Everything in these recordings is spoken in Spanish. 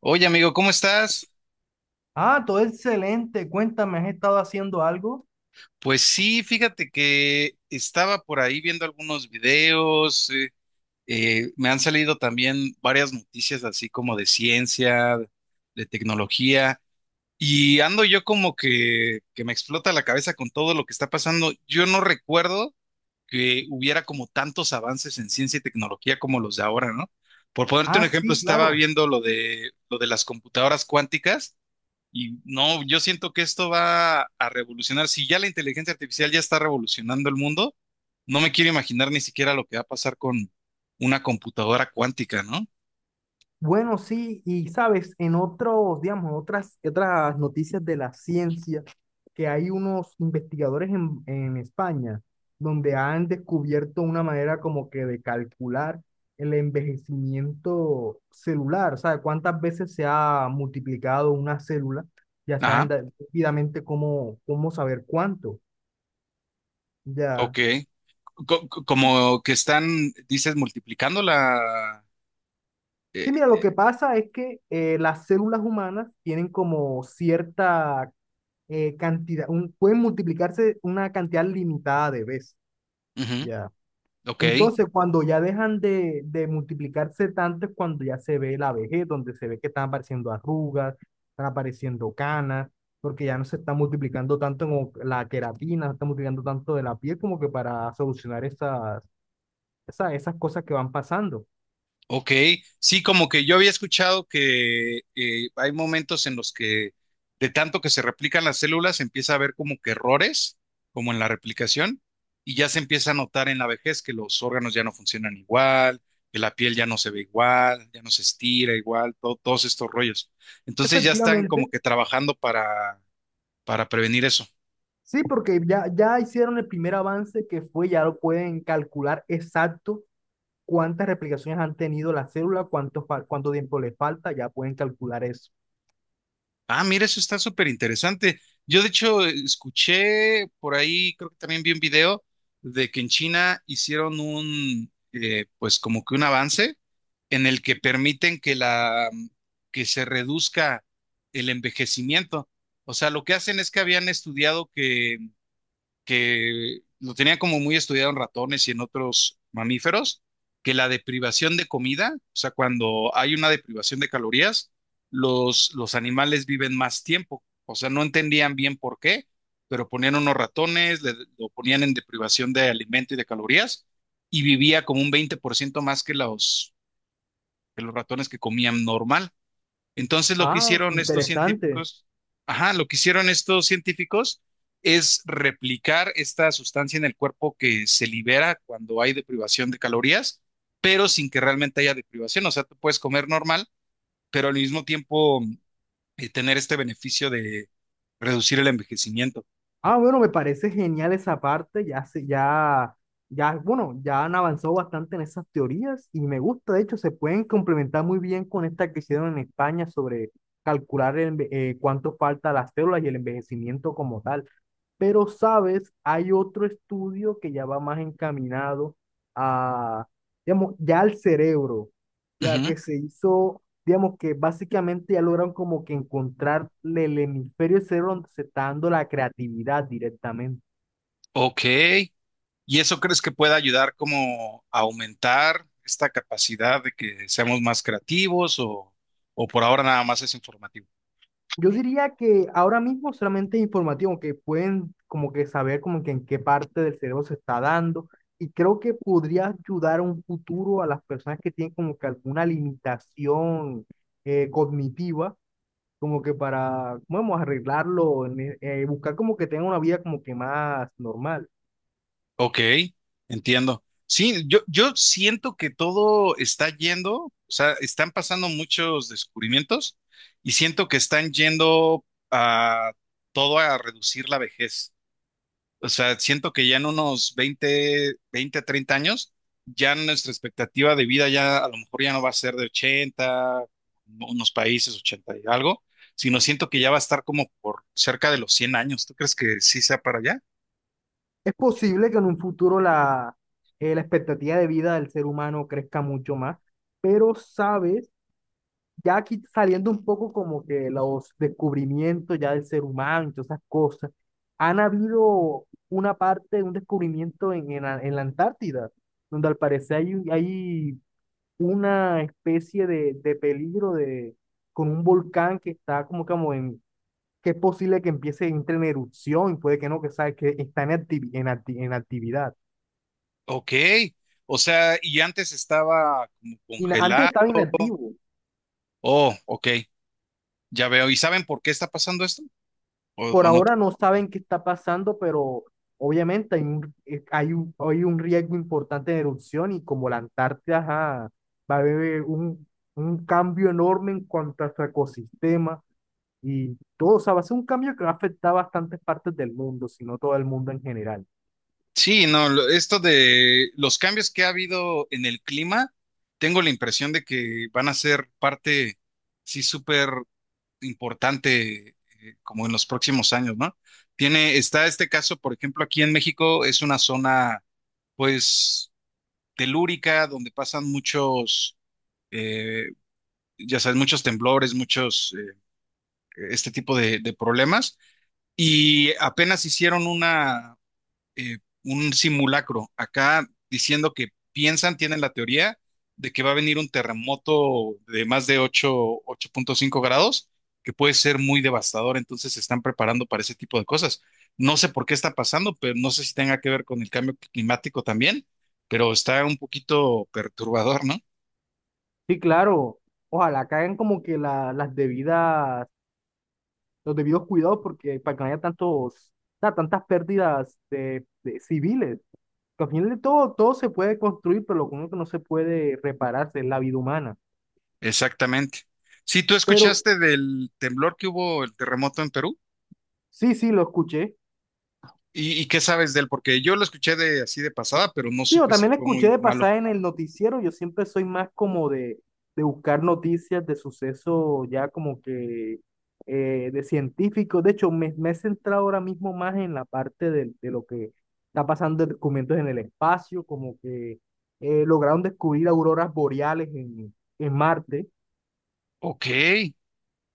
Oye, amigo, ¿cómo estás? Ah, todo excelente. Cuéntame, ¿has estado haciendo algo? Pues sí, fíjate que estaba por ahí viendo algunos videos, me han salido también varias noticias así como de ciencia, de tecnología, y ando yo como que me explota la cabeza con todo lo que está pasando. Yo no recuerdo que hubiera como tantos avances en ciencia y tecnología como los de ahora, ¿no? Por ponerte un Ah, ejemplo, sí, estaba claro. viendo lo de las computadoras cuánticas. Y no, yo siento que esto va a revolucionar. Si ya la inteligencia artificial ya está revolucionando el mundo, no me quiero imaginar ni siquiera lo que va a pasar con una computadora cuántica, ¿no? Bueno, sí, y sabes, en otros, digamos, otras, noticias de la ciencia, que hay unos investigadores en España donde han descubierto una manera como que de calcular el envejecimiento celular, o sea, cuántas veces se ha multiplicado una célula, ya saben Ajá, rápidamente cómo, cómo saber cuánto, ya. ok. Como que están, dices, multiplicando la... Sí, mira, lo eh, que pasa es que las células humanas tienen como cierta cantidad, pueden multiplicarse una cantidad limitada de veces, ujú, ¿ya? ok. Entonces, cuando ya dejan de multiplicarse tanto es cuando ya se ve la vejez, donde se ve que están apareciendo arrugas, están apareciendo canas, porque ya no se está multiplicando tanto como la queratina, no se está multiplicando tanto de la piel como que para solucionar esas, esas cosas que van pasando. Ok, sí, como que yo había escuchado que hay momentos en los que de tanto que se replican las células empieza a haber como que errores, como en la replicación, y ya se empieza a notar en la vejez que los órganos ya no funcionan igual, que la piel ya no se ve igual, ya no se estira igual, todos estos rollos. Entonces ya están como Efectivamente. que trabajando para prevenir eso. Sí, porque ya, ya hicieron el primer avance que fue, ya lo pueden calcular exacto cuántas replicaciones han tenido la célula, cuánto, cuánto tiempo le falta, ya pueden calcular eso. Ah, mira, eso está súper interesante. Yo de hecho escuché por ahí, creo que también vi un video de que en China hicieron un, pues como que un avance en el que permiten que la, que se reduzca el envejecimiento. O sea, lo que hacen es que habían estudiado que lo tenía como muy estudiado en ratones y en otros mamíferos, que la deprivación de comida, o sea, cuando hay una deprivación de calorías, los animales viven más tiempo. O sea, no entendían bien por qué, pero ponían unos ratones, lo ponían en deprivación de alimento y de calorías y vivía como un 20% más que los ratones que comían normal. Entonces lo que Ah, hicieron estos interesante. científicos, ajá, lo que hicieron estos científicos es replicar esta sustancia en el cuerpo que se libera cuando hay deprivación de calorías, pero sin que realmente haya deprivación. O sea, tú puedes comer normal, pero al mismo tiempo tener este beneficio de reducir el envejecimiento. Ah, bueno, me parece genial esa parte, ya se, ya, ya, bueno, ya han avanzado bastante en esas teorías y me gusta, de hecho, se pueden complementar muy bien con esta que hicieron en España sobre calcular cuánto falta a las células y el envejecimiento como tal. Pero, sabes, hay otro estudio que ya va más encaminado a, digamos, ya al cerebro, ya Ujú. que se hizo, digamos, que básicamente ya lograron como que encontrar el hemisferio del cerebro donde se está dando la creatividad directamente. Ok. ¿Y eso crees que pueda ayudar como a aumentar esta capacidad de que seamos más creativos o por ahora nada más es informativo? Yo diría que ahora mismo solamente es informativo, que pueden como que saber como que en qué parte del cerebro se está dando y creo que podría ayudar a un futuro a las personas que tienen como que alguna limitación cognitiva, como que para, vamos, arreglarlo, buscar como que tengan una vida como que más normal. Ok, entiendo. Sí, yo siento que todo está yendo, o sea, están pasando muchos descubrimientos y siento que están yendo a todo a reducir la vejez. O sea, siento que ya en unos 20 20, 30 años, ya nuestra expectativa de vida ya a lo mejor ya no va a ser de 80, unos países 80 y algo, sino siento que ya va a estar como por cerca de los 100 años. ¿Tú crees que sí sea para allá? Es posible que en un futuro la, la expectativa de vida del ser humano crezca mucho más, pero sabes, ya aquí saliendo un poco como que los descubrimientos ya del ser humano y todas esas cosas, han habido una parte, un descubrimiento en la Antártida, donde al parecer hay, hay una especie de peligro de, con un volcán que está como, como en, que es posible que empiece, entre en erupción y puede que no, que, sabe, que está en, en actividad. Ok, o sea, y antes estaba como Y antes congelado. estaba inactivo, Oh, ok, ya veo. ¿Y saben por qué está pasando esto? Por O no? ahora no saben qué está pasando, pero obviamente hay un, hay un, hay un riesgo importante de erupción y como la Antártida, ajá, va a haber un cambio enorme en cuanto a su ecosistema y todo, o sea, va a ser un cambio que va a afectar bastantes partes del mundo, si no todo el mundo en general. Sí, no, lo- esto de los cambios que ha habido en el clima, tengo la impresión de que van a ser parte, sí, súper importante, como en los próximos años, ¿no? Tiene, está este caso, por ejemplo, aquí en México, es una zona, pues, telúrica, donde pasan muchos eh, ya sabes, muchos temblores, muchos, este tipo de problemas, y apenas hicieron eh, un simulacro acá diciendo que piensan, tienen la teoría de que va a venir un terremoto de más de ocho punto cinco grados, que puede ser muy devastador, entonces se están preparando para ese tipo de cosas. No sé por qué está pasando, pero no sé si tenga que ver con el cambio climático también, pero está un poquito perturbador, ¿no? Sí, claro, ojalá caigan como que las debidas, los debidos cuidados porque para que no haya tantos, o sea, tantas pérdidas de civiles. Al final de todo, todo se puede construir, pero lo único que no se puede repararse es la vida humana. Exactamente. Si tú Pero escuchaste del temblor que hubo, el terremoto en Perú, sí, sí, lo escuché. Y qué sabes de él? Porque yo lo escuché de así de pasada, pero no Sí, yo supe si también lo fue escuché muy de malo. pasar en el noticiero. Yo siempre soy más como de buscar noticias de sucesos ya como que, de científicos. De hecho, me he centrado ahora mismo más en la parte del de lo que está pasando de documentos en el espacio, como que, lograron descubrir auroras boreales en Marte, Ok,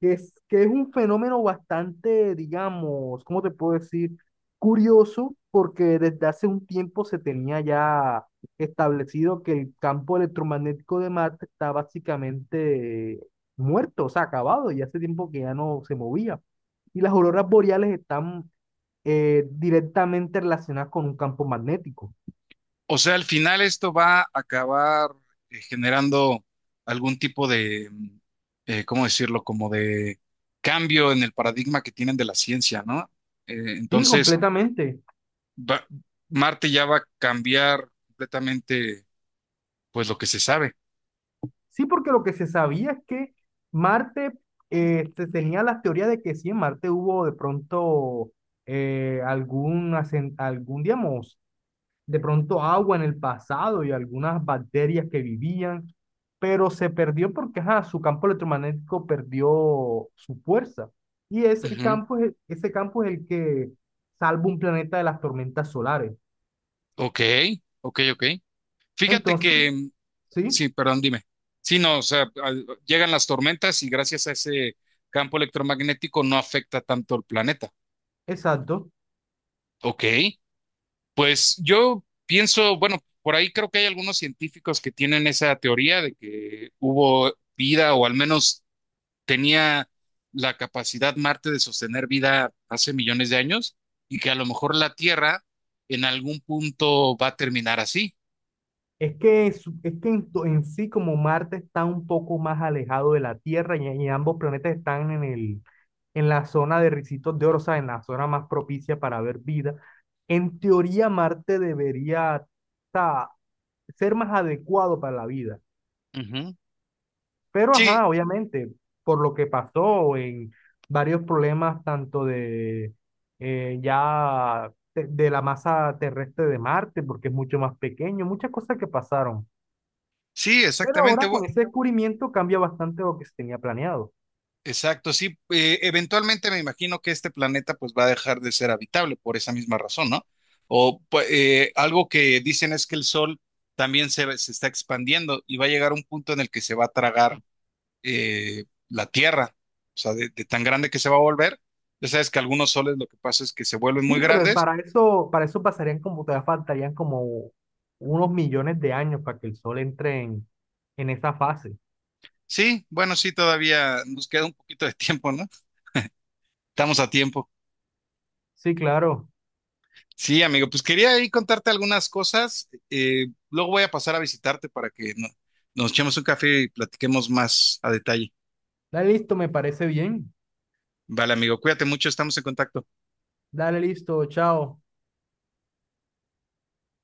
que es un fenómeno bastante, digamos, ¿cómo te puedo decir? Curioso, porque desde hace un tiempo se tenía ya establecido que el campo electromagnético de Marte está básicamente muerto, o sea, acabado, y hace tiempo que ya no se movía. Y las auroras boreales están directamente relacionadas con un campo magnético. o sea, al final esto va a acabar generando algún tipo de, ¿cómo decirlo? Como de cambio en el paradigma que tienen de la ciencia, ¿no? Sí, Entonces, completamente. va- Marte ya va a cambiar completamente, pues, lo que se sabe. Sí, porque lo que se sabía es que Marte, se tenía las teorías de que sí, en Marte hubo de pronto, algún, digamos, de pronto agua en el pasado y algunas bacterias que vivían, pero se perdió porque ajá, su campo electromagnético perdió su fuerza. Y ese Ujú. campo es, ese campo es el que salva un planeta de las tormentas solares. Ok, ok, ok. Fíjate Entonces, que, mm, sí, sí, perdón, dime. Sí, no, o sea, llegan las tormentas y gracias a ese campo electromagnético no afecta tanto el planeta. exacto. Ok, pues yo pienso, bueno, por ahí creo que hay algunos científicos que tienen esa teoría de que hubo vida o al menos tenía la capacidad Marte de sostener vida hace millones de años y que a lo mejor la Tierra en algún punto va a terminar así. Es que en, en sí, como Marte está un poco más alejado de la Tierra y ambos planetas están en el, en la zona de ricitos de oro, o sea, en la zona más propicia para ver vida. En teoría Marte debería, o sea, ser más adecuado para la vida. Ujú. Pero, Sí, ajá, obviamente, por lo que pasó en varios problemas, tanto de, de la masa terrestre de Marte, porque es mucho más pequeño, muchas cosas que pasaron. sí, Pero exactamente. ahora con ese descubrimiento cambia bastante lo que se tenía planeado. Exacto, sí. Eh, eventualmente me imagino que este planeta pues va a dejar de ser habitable por esa misma razón, ¿no? O algo que dicen es que el Sol también se está expandiendo y va a llegar un punto en el que se va a tragar la Tierra, o sea, de tan grande que se va a volver. Ya sabes que algunos soles lo que pasa es que se vuelven muy Sí, pero es grandes. Para eso pasarían como, todavía faltarían como unos millones de años para que el Sol entre en esa fase. Sí, bueno, sí, todavía nos queda un poquito de tiempo, ¿no? Estamos a tiempo. Sí, claro. Sí, amigo, pues quería ahí contarte algunas cosas. Eh, luego voy a pasar a visitarte para que nos echemos un café y platiquemos más a detalle. Dale listo, me parece bien. Vale, amigo, cuídate mucho, estamos en contacto. Dale listo, chao.